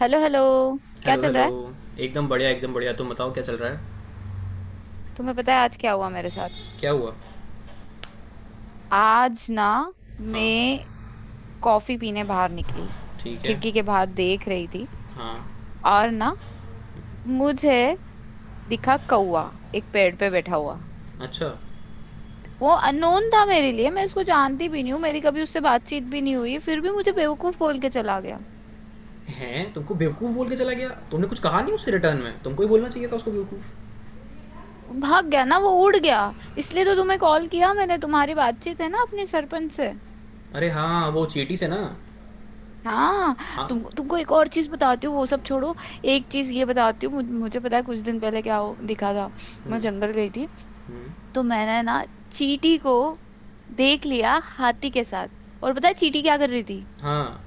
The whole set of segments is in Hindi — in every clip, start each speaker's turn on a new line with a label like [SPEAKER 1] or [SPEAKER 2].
[SPEAKER 1] Hello hello. क्या
[SPEAKER 2] हेलो
[SPEAKER 1] चल
[SPEAKER 2] हेलो।
[SPEAKER 1] रहा है?
[SPEAKER 2] एकदम बढ़िया एकदम बढ़िया, तुम बताओ क्या चल रहा है?
[SPEAKER 1] तुम्हें पता है आज क्या हुआ मेरे साथ?
[SPEAKER 2] क्या हुआ?
[SPEAKER 1] आज ना
[SPEAKER 2] हाँ।
[SPEAKER 1] मैं कॉफी पीने बाहर निकली।
[SPEAKER 2] ठीक है।
[SPEAKER 1] खिड़की के बाहर देख रही थी,
[SPEAKER 2] हाँ।
[SPEAKER 1] और ना मुझे दिखा कौवा, एक पेड़ पे बैठा हुआ।
[SPEAKER 2] अच्छा।
[SPEAKER 1] वो अननोन था मेरे लिए, मैं उसको जानती भी नहीं हूँ, मेरी कभी उससे बातचीत भी नहीं हुई, फिर भी मुझे बेवकूफ बोल के चला गया।
[SPEAKER 2] हैं, तुमको बेवकूफ़ बोल के चला गया? तुमने कुछ कहा नहीं उससे? रिटर्न में तुमको ही बोलना चाहिए था उसको बेवकूफ़।
[SPEAKER 1] वो भाग गया ना, वो उड़ गया। इसलिए तो तुम्हें कॉल किया मैंने। तुम्हारी बातचीत है ना अपने सरपंच से?
[SPEAKER 2] अरे हाँ, वो चीटी से ना?
[SPEAKER 1] हाँ।
[SPEAKER 2] हाँ।
[SPEAKER 1] तुमको एक और चीज बताती हूँ, वो सब छोड़ो। एक चीज ये बताती हूँ, मुझे पता है कुछ दिन पहले दिखा था। मैं
[SPEAKER 2] हम्म।
[SPEAKER 1] जंगल गई थी।
[SPEAKER 2] हम्म।
[SPEAKER 1] तो मैंने ना चींटी को देख लिया हाथी के साथ। और पता है चींटी क्या कर रही थी?
[SPEAKER 2] हाँ।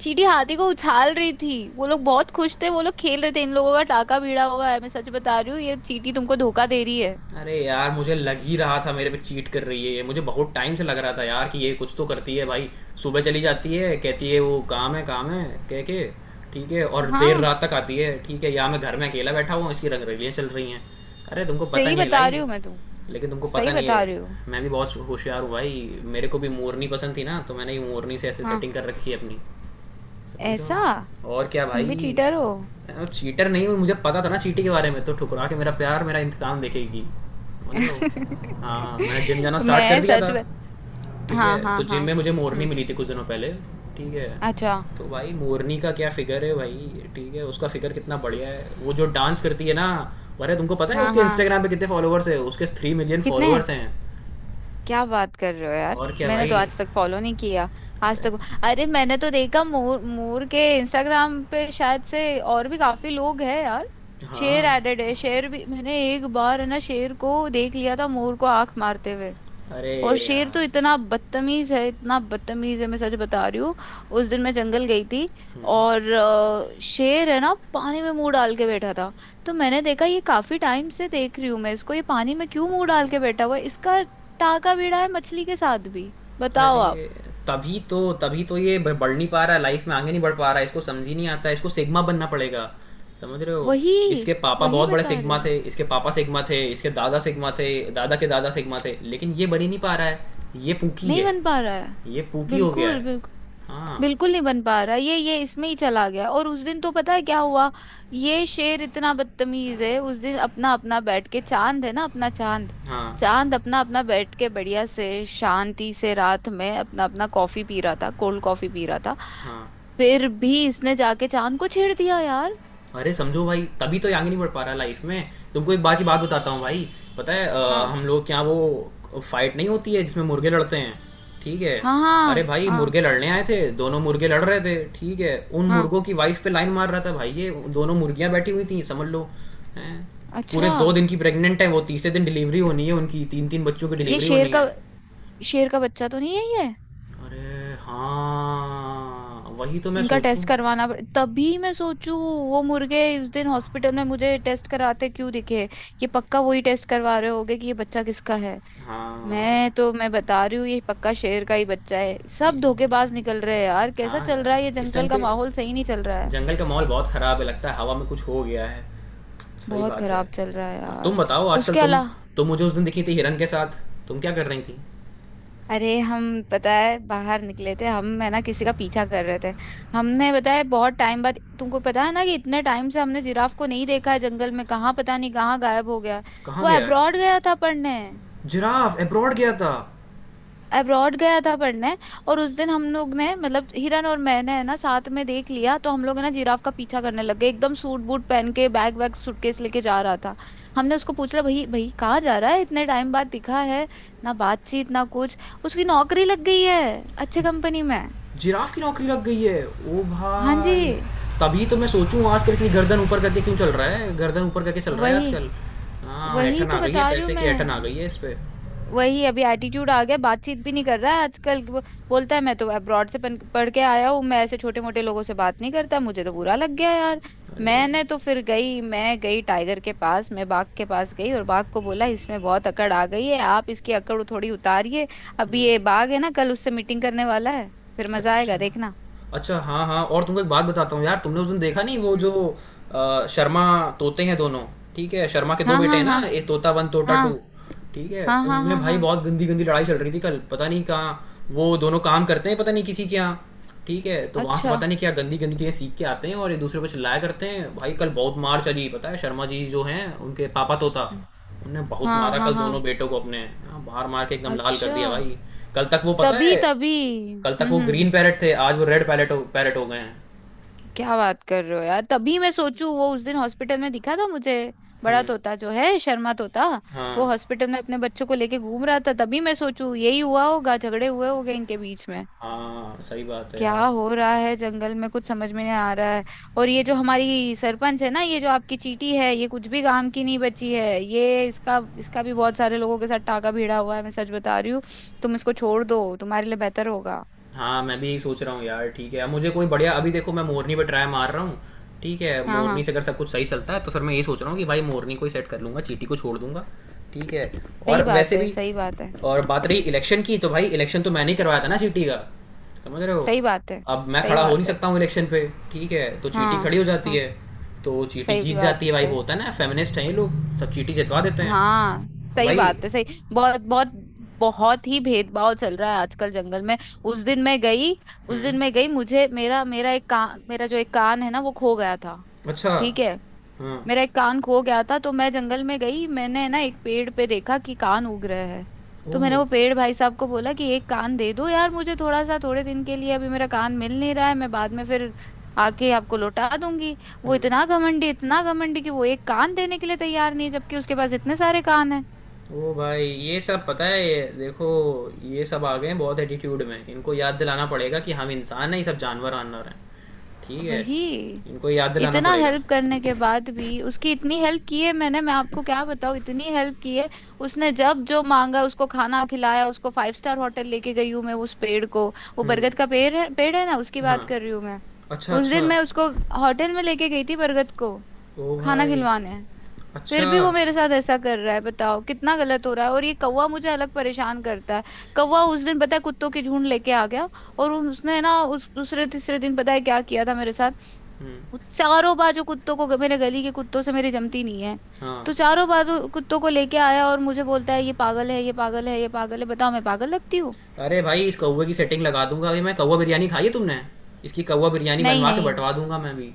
[SPEAKER 1] चींटी हाथी को उछाल रही थी, वो लोग बहुत खुश थे, वो लोग खेल रहे थे। इन लोगों का टाका भिड़ा हुआ है, मैं सच बता रही हूँ। ये चींटी तुमको धोखा दे रही है।
[SPEAKER 2] अरे यार, मुझे लग ही रहा था मेरे पे चीट कर रही है ये। मुझे बहुत टाइम से लग रहा था यार कि ये कुछ तो करती है भाई। सुबह चली जाती है, कहती है वो काम है, काम है कह के। ठीक है, और देर
[SPEAKER 1] हाँ,
[SPEAKER 2] रात तक आती है। ठीक है, यहाँ मैं घर में अकेला बैठा हुआ हूँ, इसकी रंगरेलियाँ चल रही हैं। अरे तुमको पता
[SPEAKER 1] सही
[SPEAKER 2] नहीं है
[SPEAKER 1] बता रही
[SPEAKER 2] लाई।
[SPEAKER 1] हूँ मैं,
[SPEAKER 2] लेकिन तुमको
[SPEAKER 1] तुमको
[SPEAKER 2] पता
[SPEAKER 1] सही
[SPEAKER 2] नहीं
[SPEAKER 1] बता
[SPEAKER 2] है,
[SPEAKER 1] रही हूँ।
[SPEAKER 2] मैं भी बहुत होशियार हूँ भाई। मेरे को भी मोरनी पसंद थी ना, तो मैंने ये मोरनी से ऐसे
[SPEAKER 1] हाँ।
[SPEAKER 2] सेटिंग कर रखी है अपनी। समझ रहा
[SPEAKER 1] ऐसा।
[SPEAKER 2] हूँ और क्या
[SPEAKER 1] तुम
[SPEAKER 2] भाई।
[SPEAKER 1] भी चीटर हो।
[SPEAKER 2] चीटर नहीं हूँ, मुझे पता था ना चीटी के बारे में, तो ठुकरा के मेरा प्यार मेरा इंतकाम देखेगी। समझ रहे हो? हाँ, मैंने जिम जाना स्टार्ट कर
[SPEAKER 1] मैं
[SPEAKER 2] दिया
[SPEAKER 1] सच
[SPEAKER 2] था।
[SPEAKER 1] बत...
[SPEAKER 2] ठीक है,
[SPEAKER 1] हाँ
[SPEAKER 2] तो
[SPEAKER 1] हाँ
[SPEAKER 2] जिम
[SPEAKER 1] हाँ।
[SPEAKER 2] में मुझे मोरनी
[SPEAKER 1] हम्म।
[SPEAKER 2] मिली थी कुछ दिनों पहले। ठीक है।
[SPEAKER 1] अच्छा।
[SPEAKER 2] तो भाई मोरनी का क्या फिगर है भाई, ठीक है, उसका फिगर कितना बढ़िया है। वो जो डांस करती है ना, अरे तुमको पता है
[SPEAKER 1] हाँ
[SPEAKER 2] उसके
[SPEAKER 1] हाँ।
[SPEAKER 2] इंस्टाग्राम पे कितने फॉलोअर्स है? उसके थ्री मिलियन
[SPEAKER 1] कितने हैं?
[SPEAKER 2] फॉलोअर्स हैं।
[SPEAKER 1] क्या बात कर रहे हो यार!
[SPEAKER 2] और क्या
[SPEAKER 1] मैंने तो
[SPEAKER 2] भाई।
[SPEAKER 1] आज तक फॉलो नहीं किया। आज
[SPEAKER 2] अरे
[SPEAKER 1] तक। अरे मैंने तो देखा, मोर मोर के इंस्टाग्राम पे शायद से और भी काफी लोग हैं यार। शेर
[SPEAKER 2] हाँ।
[SPEAKER 1] एडेड है। शेर भी मैंने एक बार है ना, शेर को देख लिया था मोर को आंख मारते हुए।
[SPEAKER 2] अरे
[SPEAKER 1] और शेर तो
[SPEAKER 2] यार।
[SPEAKER 1] इतना बदतमीज है, इतना बदतमीज है, मैं सच बता रही हूँ। उस दिन मैं जंगल गई थी। और शेर है ना पानी में मुंह डाल के बैठा था। तो मैंने देखा, ये काफी टाइम से देख रही हूँ मैं इसको, ये पानी में क्यों मुंह डाल के बैठा हुआ है? इसका टाका भिड़ा है मछली के साथ भी। बताओ
[SPEAKER 2] अरे!
[SPEAKER 1] आप।
[SPEAKER 2] तभी तो ये ब बढ़ नहीं पा रहा है, लाइफ में आगे नहीं बढ़ पा रहा है, इसको समझ ही नहीं आता है, इसको सिग्मा बनना पड़ेगा, समझ रहे हो?
[SPEAKER 1] वही।
[SPEAKER 2] इसके पापा
[SPEAKER 1] वही
[SPEAKER 2] बहुत बड़े
[SPEAKER 1] बता रही
[SPEAKER 2] सिग्मा
[SPEAKER 1] हूँ।
[SPEAKER 2] थे, इसके पापा सिग्मा थे, इसके दादा सिग्मा थे, दादा के दादा सिग्मा थे, लेकिन ये बन ही नहीं पा रहा
[SPEAKER 1] नहीं
[SPEAKER 2] है,
[SPEAKER 1] बन पा रहा है।
[SPEAKER 2] ये पूकी हो गया
[SPEAKER 1] बिल्कुल।
[SPEAKER 2] है। हाँ,
[SPEAKER 1] बिल्कुल नहीं बन पा रहा, ये इसमें ही चला गया। और उस दिन तो पता है क्या हुआ। ये शेर इतना बदतमीज है। उस दिन अपना अपना बैठ के चांद है ना, अपना चांद,
[SPEAKER 2] हाँ,
[SPEAKER 1] चांद अपना अपना बैठ के बढ़िया से शांति से रात में अपना अपना कॉफी पी रहा था, कोल्ड कॉफी पी रहा था।
[SPEAKER 2] हाँ।
[SPEAKER 1] फिर भी इसने जाके चांद को छेड़ दिया यार।
[SPEAKER 2] अरे समझो भाई, तभी तो ये आगे नहीं बढ़ पा रहा लाइफ में। तुमको एक बात की बात बताता हूँ भाई, पता है
[SPEAKER 1] हाँ
[SPEAKER 2] हम लोग क्या, वो फाइट नहीं होती है जिसमें मुर्गे लड़ते हैं, ठीक है?
[SPEAKER 1] हाँ
[SPEAKER 2] अरे
[SPEAKER 1] हाँ
[SPEAKER 2] भाई
[SPEAKER 1] हाँ।
[SPEAKER 2] मुर्गे लड़ने आए थे, दोनों मुर्गे लड़ रहे थे, ठीक है, उन
[SPEAKER 1] हाँ।
[SPEAKER 2] मुर्गों की वाइफ पे लाइन मार रहा था भाई ये। दोनों मुर्गियां बैठी हुई थी, समझ लो। हैं, पूरे
[SPEAKER 1] अच्छा।
[SPEAKER 2] दो दिन की प्रेग्नेंट है वो, तीसरे दिन डिलीवरी होनी है उनकी, तीन तीन बच्चों की
[SPEAKER 1] ये
[SPEAKER 2] डिलीवरी
[SPEAKER 1] शेर
[SPEAKER 2] होनी
[SPEAKER 1] का,
[SPEAKER 2] है।
[SPEAKER 1] शेर का बच्चा तो नहीं है ये?
[SPEAKER 2] अरे हाँ वही तो मैं
[SPEAKER 1] इनका
[SPEAKER 2] सोचूं।
[SPEAKER 1] टेस्ट तभी मैं सोचू, वो मुर्गे उस दिन हॉस्पिटल में मुझे टेस्ट कराते क्यों दिखे। ये पक्का वही टेस्ट करवा रहे होगे कि ये बच्चा किसका है।
[SPEAKER 2] हाँ।
[SPEAKER 1] मैं बता रही हूँ, ये पक्का शेर का ही बच्चा है। सब
[SPEAKER 2] ये-
[SPEAKER 1] धोखेबाज निकल रहे हैं यार। कैसा
[SPEAKER 2] हाँ
[SPEAKER 1] चल रहा
[SPEAKER 2] यार,
[SPEAKER 1] है ये,
[SPEAKER 2] इस टाइम
[SPEAKER 1] जंगल का
[SPEAKER 2] पे
[SPEAKER 1] माहौल सही नहीं चल रहा है।
[SPEAKER 2] जंगल का माहौल बहुत ख़राब है, लगता है हवा में कुछ हो गया है। सही
[SPEAKER 1] बहुत
[SPEAKER 2] बात है।
[SPEAKER 1] खराब चल रहा है
[SPEAKER 2] हाँ, तुम
[SPEAKER 1] यार।
[SPEAKER 2] बताओ आजकल
[SPEAKER 1] उसके
[SPEAKER 2] तुम।
[SPEAKER 1] अलावा
[SPEAKER 2] तुम मुझे उस दिन दिखी थी हिरन के साथ, तुम क्या कर रही थी?
[SPEAKER 1] अरे हम, पता है बाहर निकले थे हम है ना, किसी का पीछा कर रहे थे। हमने पता है बहुत टाइम बाद, तुमको पता है ना कि इतने टाइम से हमने जिराफ को नहीं देखा है जंगल में, कहाँ पता नहीं कहाँ गायब हो गया।
[SPEAKER 2] कहाँ
[SPEAKER 1] वो
[SPEAKER 2] गया है?
[SPEAKER 1] अब्रॉड गया था पढ़ने।
[SPEAKER 2] जिराफ अब्रॉड गया था।
[SPEAKER 1] अब्रॉड गया था पढ़ने। और उस दिन हम लोग ने, मतलब हिरन और मैंने है ना साथ में देख लिया, तो हम लोग है ना जिराफ का पीछा करने लग गए। एकदम सूट बूट पहन के बैग वैग सूटकेस लेके जा रहा था। हमने उसको पूछ लिया, भाई भाई कहाँ जा रहा है, इतने टाइम बाद दिखा है, ना बातचीत ना कुछ। उसकी नौकरी लग गई है अच्छे कंपनी में।
[SPEAKER 2] जिराफ की नौकरी लग गई है। ओ
[SPEAKER 1] हाँ जी।
[SPEAKER 2] भाई! तभी तो मैं सोचूँ आजकल इतनी गर्दन ऊपर करके क्यों चल रहा है? गर्दन ऊपर करके चल रहा है
[SPEAKER 1] वही।
[SPEAKER 2] आजकल। हाँ,
[SPEAKER 1] वही
[SPEAKER 2] ऐंठन
[SPEAKER 1] तो
[SPEAKER 2] आ गई है,
[SPEAKER 1] बता रही हूँ
[SPEAKER 2] पैसे की
[SPEAKER 1] मैं।
[SPEAKER 2] ऐंठन आ गई है इस पे।
[SPEAKER 1] वही, अभी एटीट्यूड आ गया, बातचीत भी नहीं कर रहा है आजकल वो। बोलता है मैं तो अब्रॉड से पढ़ के आया हूँ, मैं ऐसे छोटे मोटे लोगों से बात नहीं करता। मुझे तो बुरा लग गया यार। मैं गई टाइगर के पास, मैं बाघ के पास गई, और बाघ को बोला इसमें बहुत अकड़ आ गई है, आप इसकी अकड़ थोड़ी उतारिए। अभी ये बाघ है ना कल उससे मीटिंग करने वाला है। फिर मजा आएगा
[SPEAKER 2] अच्छा।
[SPEAKER 1] देखना।
[SPEAKER 2] अच्छा, हाँ, हाँ, और तुमको एक बात बताता हूँ यार, तुमने उस दिन देखा नहीं वो
[SPEAKER 1] हम्म,
[SPEAKER 2] जो शर्मा तोते हैं दोनों, ठीक है? शर्मा के 2
[SPEAKER 1] हाँ
[SPEAKER 2] बेटे
[SPEAKER 1] हाँ
[SPEAKER 2] हैं ना,
[SPEAKER 1] हाँ
[SPEAKER 2] एक तोता 1, तोता 2,
[SPEAKER 1] हाँ
[SPEAKER 2] ठीक है?
[SPEAKER 1] हाँ हाँ
[SPEAKER 2] उनमें
[SPEAKER 1] हाँ
[SPEAKER 2] भाई
[SPEAKER 1] हाँ।
[SPEAKER 2] बहुत गंदी-गंदी लड़ाई चल रही थी कल, पता नहीं कहाँ वो दोनों काम करते हैं, पता नहीं किसी के यहाँ, ठीक है? तो वहाँ से
[SPEAKER 1] अच्छा।
[SPEAKER 2] पता नहीं क्या गंदी-गंदी चीज़ें सीख के आते हैं और एक-दूसरे पे चिल्लाया करते हैं। भाई कल बहुत मार चली, पता है? शर्मा जी जो हैं, उनके पापा तोता, उन्होंने बहुत
[SPEAKER 1] हाँ
[SPEAKER 2] मारा
[SPEAKER 1] हाँ
[SPEAKER 2] कल
[SPEAKER 1] हाँ।
[SPEAKER 2] दोनों बेटों को अपने। हाँ, मार-मार के एकदम लाल कर
[SPEAKER 1] अच्छा।
[SPEAKER 2] दिया भाई। कल तक वो पता
[SPEAKER 1] तभी
[SPEAKER 2] है,
[SPEAKER 1] तभी।
[SPEAKER 2] कल तक
[SPEAKER 1] हम्म
[SPEAKER 2] वो
[SPEAKER 1] हम्म।
[SPEAKER 2] ग्रीन पैरेट थे, आज वो रेड पैरेट हो गए हैं।
[SPEAKER 1] क्या बात कर रहे हो यार, तभी मैं सोचूं वो उस दिन हॉस्पिटल में दिखा था मुझे। बड़ा
[SPEAKER 2] हम्म।
[SPEAKER 1] तोता जो है, शर्मा तोता। वो
[SPEAKER 2] हाँ।
[SPEAKER 1] हॉस्पिटल में अपने बच्चों को लेके घूम रहा था, तभी मैं सोचूं यही हुआ होगा, झगड़े हुए होंगे इनके बीच में।
[SPEAKER 2] हाँ। सही बात है
[SPEAKER 1] क्या
[SPEAKER 2] यार।
[SPEAKER 1] हो रहा है जंगल में, कुछ समझ में नहीं आ रहा है। और ये जो हमारी सरपंच है ना, ये जो आपकी चीटी है, ये कुछ भी काम की नहीं बची है, ये इसका इसका भी बहुत सारे लोगों के साथ टाका भिड़ा हुआ है, मैं सच बता रही हूँ। तुम इसको छोड़ दो, तुम्हारे लिए बेहतर होगा।
[SPEAKER 2] हाँ, मैं भी यही सोच रहा हूँ यार। ठीक है, अब मुझे कोई बढ़िया, अभी देखो मैं मोरनी पे ट्राई मार रहा हूँ। ठीक है,
[SPEAKER 1] हाँ
[SPEAKER 2] मोरनी
[SPEAKER 1] हाँ।
[SPEAKER 2] से अगर सब कुछ सही चलता है, तो फिर मैं ये सोच रहा हूँ कि भाई मोरनी को ही सेट कर लूँगा, चीटी को छोड़ दूंगा। ठीक है।
[SPEAKER 1] सही
[SPEAKER 2] और
[SPEAKER 1] बात
[SPEAKER 2] वैसे
[SPEAKER 1] है,
[SPEAKER 2] भी,
[SPEAKER 1] सही बात है।
[SPEAKER 2] और बात रही इलेक्शन की, तो भाई इलेक्शन तो मैंने ही करवाया था ना चीटी का, समझ रहे हो?
[SPEAKER 1] सही बात है।
[SPEAKER 2] अब मैं
[SPEAKER 1] सही
[SPEAKER 2] खड़ा हो नहीं
[SPEAKER 1] बात है।
[SPEAKER 2] सकता हूँ इलेक्शन पे, ठीक है, तो चीटी
[SPEAKER 1] हाँ।
[SPEAKER 2] खड़ी हो जाती
[SPEAKER 1] हाँ।
[SPEAKER 2] है, तो चीटी
[SPEAKER 1] सही
[SPEAKER 2] जीत
[SPEAKER 1] बात
[SPEAKER 2] जाती है भाई। वो
[SPEAKER 1] है।
[SPEAKER 2] होता है ना, फेमिनिस्ट हैं ये लोग, सब चीटी जितवा देते
[SPEAKER 1] हाँ।
[SPEAKER 2] हैं
[SPEAKER 1] सही
[SPEAKER 2] भाई।
[SPEAKER 1] बात है। सही। बहुत बहुत। बहुत ही भेदभाव चल रहा है आजकल जंगल में। उस दिन मैं गई। उस
[SPEAKER 2] हम्म।
[SPEAKER 1] दिन मैं गई, मुझे मेरा मेरा एक कान, मेरा जो एक कान है ना वो खो गया था।
[SPEAKER 2] अच्छा।
[SPEAKER 1] ठीक है।
[SPEAKER 2] हाँ।
[SPEAKER 1] मेरा एक कान खो गया था, तो मैं जंगल में गई, मैंने ना एक पेड़ पे देखा कि कान उग रहा है। तो मैंने
[SPEAKER 2] ओह।
[SPEAKER 1] वो पेड़ भाई साहब को बोला कि एक कान दे दो यार मुझे, थोड़ा सा थोड़े दिन के लिए, अभी मेरा कान मिल नहीं रहा है, मैं बाद में फिर आके आपको लौटा दूंगी। वो
[SPEAKER 2] हम्म।
[SPEAKER 1] इतना घमंडी, इतना घमंडी कि वो एक कान देने के लिए तैयार नहीं है, जबकि उसके पास इतने सारे कान है।
[SPEAKER 2] ओ भाई, ये सब पता है? ये देखो, ये सब आ गए हैं बहुत एटीट्यूड में, इनको याद दिलाना पड़ेगा कि हम इंसान हैं, ये सब जानवर वानवर हैं, ठीक है?
[SPEAKER 1] वही।
[SPEAKER 2] इनको याद दिलाना
[SPEAKER 1] इतना
[SPEAKER 2] पड़ेगा।
[SPEAKER 1] हेल्प करने के बाद भी, उसकी इतनी हेल्प की है मैंने, मैं आपको क्या बताऊँ, इतनी हेल्प की है। उसने जब जो मांगा उसको खाना खिलाया, उसको फाइव स्टार होटल लेके गई हूँ मैं उस पेड़ को। वो
[SPEAKER 2] हम्म।
[SPEAKER 1] बरगद का पेड़ है, पेड़ है ना, उसकी
[SPEAKER 2] हाँ।
[SPEAKER 1] बात कर रही हूँ मैं।
[SPEAKER 2] अच्छा,
[SPEAKER 1] उस
[SPEAKER 2] अच्छा।
[SPEAKER 1] दिन मैं उसको होटल में लेके गई थी, बरगद को
[SPEAKER 2] ओ
[SPEAKER 1] खाना
[SPEAKER 2] भाई।
[SPEAKER 1] खिलवाने। फिर
[SPEAKER 2] अच्छा।
[SPEAKER 1] भी वो मेरे साथ ऐसा कर रहा है, बताओ कितना गलत हो रहा है। और ये कौवा मुझे अलग परेशान करता है। कौवा उस दिन पता है कुत्तों के झुंड लेके आ गया। और उसने ना उस दूसरे तीसरे दिन पता है क्या किया था मेरे साथ।
[SPEAKER 2] हम्म।
[SPEAKER 1] वो चारों बाजू कुत्तों को, मेरे गली के कुत्तों से मेरी जमती नहीं है,
[SPEAKER 2] हाँ।
[SPEAKER 1] तो चारों बाजू कुत्तों को लेके आया और मुझे बोलता है ये पागल है, ये पागल है, ये पागल है। बताओ मैं पागल लगती हूँ?
[SPEAKER 2] अरे भाई, इस कौवे की सेटिंग लगा दूंगा अभी मैं, कौवा बिरयानी खाई है तुमने? इसकी कौवा बिरयानी
[SPEAKER 1] नहीं
[SPEAKER 2] बनवा के
[SPEAKER 1] नहीं।
[SPEAKER 2] बंटवा दूंगा मैं अभी।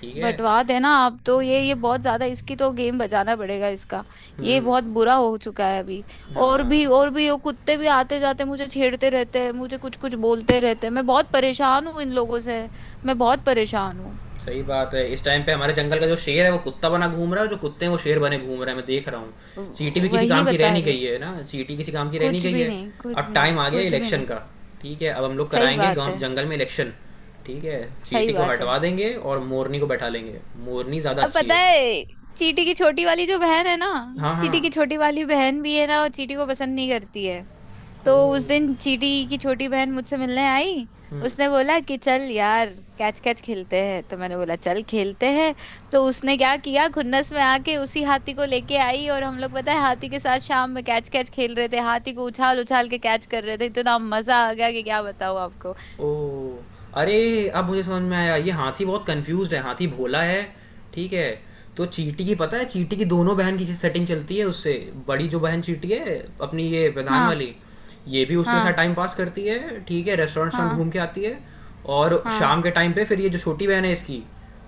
[SPEAKER 2] ठीक है।
[SPEAKER 1] बंटवा देना आप तो, ये बहुत ज्यादा, इसकी तो गेम बजाना पड़ेगा इसका। ये
[SPEAKER 2] हम्म।
[SPEAKER 1] बहुत बुरा हो चुका है अभी। और
[SPEAKER 2] हाँ।
[SPEAKER 1] भी, और भी वो कुत्ते भी आते जाते मुझे छेड़ते रहते हैं, मुझे कुछ कुछ बोलते रहते हैं, मैं बहुत परेशान हूँ इन लोगों से। मैं बहुत परेशान हूँ।
[SPEAKER 2] सही बात है, इस टाइम पे हमारे जंगल का जो शेर है वो कुत्ता बना घूम रहा है, और जो कुत्ते हैं वो शेर बने घूम रहे हैं, मैं देख रहा हूँ। चींटी भी किसी
[SPEAKER 1] वही
[SPEAKER 2] काम की रह
[SPEAKER 1] बता
[SPEAKER 2] नहीं
[SPEAKER 1] रही
[SPEAKER 2] गई
[SPEAKER 1] हूँ।
[SPEAKER 2] है ना, चींटी किसी काम की रह नहीं
[SPEAKER 1] कुछ
[SPEAKER 2] गई
[SPEAKER 1] भी
[SPEAKER 2] है।
[SPEAKER 1] नहीं, कुछ
[SPEAKER 2] अब
[SPEAKER 1] भी
[SPEAKER 2] टाइम
[SPEAKER 1] नहीं,
[SPEAKER 2] आ गया
[SPEAKER 1] कुछ भी
[SPEAKER 2] इलेक्शन
[SPEAKER 1] नहीं।
[SPEAKER 2] का, ठीक है, अब हम लोग
[SPEAKER 1] सही
[SPEAKER 2] कराएंगे
[SPEAKER 1] बात है।
[SPEAKER 2] गाँव जंगल में इलेक्शन। ठीक है,
[SPEAKER 1] सही
[SPEAKER 2] चींटी को
[SPEAKER 1] बात है।
[SPEAKER 2] हटवा देंगे और मोरनी को बैठा लेंगे। मोरनी ज़्यादा
[SPEAKER 1] अब
[SPEAKER 2] अच्छी
[SPEAKER 1] पता
[SPEAKER 2] है।
[SPEAKER 1] है, चीटी की छोटी वाली जो बहन है ना,
[SPEAKER 2] हाँ हाँ।
[SPEAKER 1] चीटी की छोटी वाली बहन भी है ना, वो चीटी को पसंद नहीं करती है।
[SPEAKER 2] ओ।
[SPEAKER 1] तो उस दिन चीटी की छोटी बहन मुझसे मिलने आई।
[SPEAKER 2] हम्म।
[SPEAKER 1] उसने बोला कि चल यार कैच कैच खेलते हैं, तो मैंने बोला चल खेलते हैं। तो उसने क्या किया, खुन्नस में आके उसी हाथी को लेके आई, और हम लोग पता है हाथी के साथ शाम में कैच कैच खेल रहे थे, हाथी को उछाल उछाल के कैच कर रहे थे, इतना मजा आ गया कि क्या बताऊं आपको।
[SPEAKER 2] ओह, अरे अब मुझे समझ में आया, ये हाथी बहुत कंफ्यूज्ड है, हाथी भोला है, ठीक है? तो चींटी की पता है, चींटी की दोनों बहन की सेटिंग चलती है उससे। बड़ी जो बहन चींटी है अपनी, ये प्रधान
[SPEAKER 1] हाँ
[SPEAKER 2] वाली, ये भी उसके साथ
[SPEAKER 1] हाँ
[SPEAKER 2] टाइम पास करती है, ठीक है, रेस्टोरेंट रेस्टोरेंट
[SPEAKER 1] हाँ
[SPEAKER 2] घूम के आती है। और शाम
[SPEAKER 1] हाँ।
[SPEAKER 2] के टाइम पे फिर ये जो छोटी बहन है इसकी,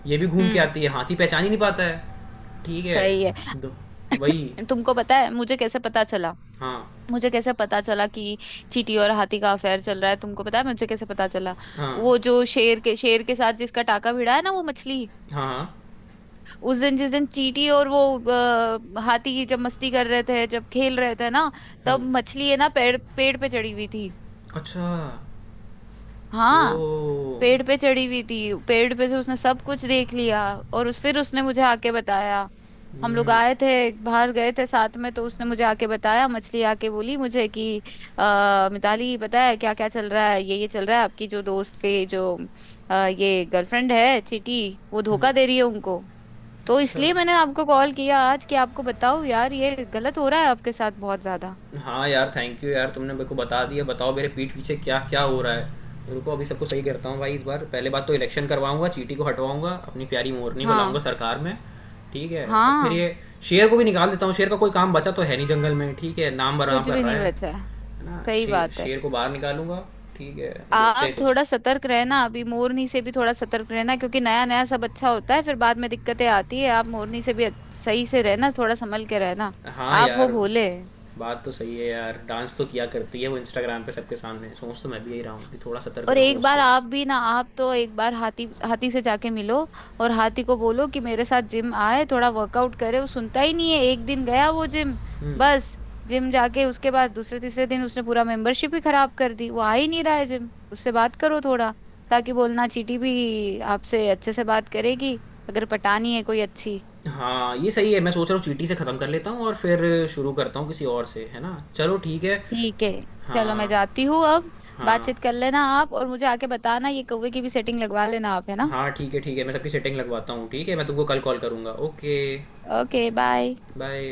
[SPEAKER 2] ये भी घूम के
[SPEAKER 1] हम्म।
[SPEAKER 2] आती है, हाथी पहचान ही नहीं पाता है, ठीक है?
[SPEAKER 1] सही है।
[SPEAKER 2] दो। वही।
[SPEAKER 1] तुमको पता है मुझे कैसे पता चला?
[SPEAKER 2] हाँ,
[SPEAKER 1] मुझे कैसे पता चला कि चींटी और हाथी का अफेयर चल रहा है, तुमको पता है मुझे कैसे पता चला?
[SPEAKER 2] हाँ,
[SPEAKER 1] वो जो शेर के साथ जिसका टाका भिड़ा है ना, वो मछली।
[SPEAKER 2] हाँ। हाँ।
[SPEAKER 1] उस दिन जिस दिन चींटी और वो हाथी जब मस्ती कर रहे थे, जब खेल रहे थे ना, तब
[SPEAKER 2] हम्म।
[SPEAKER 1] मछली है ना पेड़ पेड़ पे चढ़ी हुई थी।
[SPEAKER 2] अच्छा। ओ।
[SPEAKER 1] हाँ। पेड़ पे चढ़ी हुई थी, पेड़ पे से उसने सब कुछ देख लिया, और उस फिर उसने मुझे आके बताया। हम लोग
[SPEAKER 2] हम्म।
[SPEAKER 1] आए थे, बाहर गए थे साथ में, तो उसने मुझे आके बताया, मछली आके बोली मुझे कि मिताली पता है क्या क्या चल रहा है, ये चल रहा है, आपकी जो दोस्त के जो ये गर्लफ्रेंड है चीटी, वो
[SPEAKER 2] हुँ,
[SPEAKER 1] धोखा दे रही है उनको। तो
[SPEAKER 2] अच्छा।
[SPEAKER 1] इसलिए मैंने आपको कॉल किया आज कि आपको बताओ यार, ये गलत हो रहा है आपके साथ बहुत ज्यादा।
[SPEAKER 2] हाँ यार, थैंक यू यार, तुमने मेरे को बता दिया। बताओ मेरे पीठ पीछे क्या-क्या हो रहा है। रुको अभी सबको सही करता हूँ भाई इस बार। पहले बात तो इलेक्शन करवाऊँगा, चींटी को हटवाऊँगा, अपनी प्यारी मोरनी को लाऊँगा
[SPEAKER 1] हाँ
[SPEAKER 2] सरकार में, ठीक है? और फिर
[SPEAKER 1] हाँ।
[SPEAKER 2] ये शेर को भी निकाल देता हूँ, शेर का कोई काम बचा तो है नहीं जंगल में, ठीक है? नाम बदनाम
[SPEAKER 1] कुछ
[SPEAKER 2] कर
[SPEAKER 1] भी
[SPEAKER 2] रहा
[SPEAKER 1] नहीं बचा है।
[SPEAKER 2] है ना?
[SPEAKER 1] सही
[SPEAKER 2] शे
[SPEAKER 1] बात है।
[SPEAKER 2] शेर को बाहर निकालूँगा, ठीक है? देखते
[SPEAKER 1] आप
[SPEAKER 2] हैं कुछ।
[SPEAKER 1] थोड़ा सतर्क रहना, अभी मोरनी से भी थोड़ा सतर्क रहना, क्योंकि नया नया सब अच्छा होता है फिर बाद में दिक्कतें आती है, आप मोरनी से भी सही से रहना, थोड़ा संभल के रहना।
[SPEAKER 2] हाँ
[SPEAKER 1] आप हो
[SPEAKER 2] यार,
[SPEAKER 1] भोले।
[SPEAKER 2] बात तो सही है यार। डांस तो किया करती है वो इंस्टाग्राम पे सबके सामने। सोच तो मैं भी यही रहा हूँ कि थोड़ा सतर्क
[SPEAKER 1] और
[SPEAKER 2] रहूँ
[SPEAKER 1] एक बार
[SPEAKER 2] उससे।
[SPEAKER 1] आप भी ना, आप तो एक बार हाथी हाथी से जाके मिलो, और हाथी को बोलो कि मेरे साथ जिम आए, थोड़ा वर्कआउट करे। वो सुनता ही नहीं है, एक दिन गया वो जिम, बस। जिम जाके उसके बाद दूसरे तीसरे दिन उसने पूरा मेंबरशिप ही खराब कर दी, वो आ ही नहीं रहा है जिम, उससे बात करो थोड़ा, ताकि बोलना चींटी भी आपसे अच्छे से बात करेगी अगर पटानी है कोई अच्छी।
[SPEAKER 2] हाँ ये सही है, मैं सोच रहा हूँ चींटी से ख़त्म कर लेता हूँ, और फिर शुरू करता हूँ किसी और से, है ना? चलो ठीक है।
[SPEAKER 1] ठीक है, चलो मैं
[SPEAKER 2] हाँ।
[SPEAKER 1] जाती हूँ अब।
[SPEAKER 2] हाँ
[SPEAKER 1] बातचीत कर लेना आप और मुझे आके बताना, ये कौवे की भी सेटिंग लगवा लेना आप, है ना।
[SPEAKER 2] हाँ। ठीक है, ठीक है, मैं सबकी सेटिंग लगवाता हूँ, ठीक है, मैं तुमको कल कॉल करूँगा, ओके।
[SPEAKER 1] Okay bye.
[SPEAKER 2] बाय।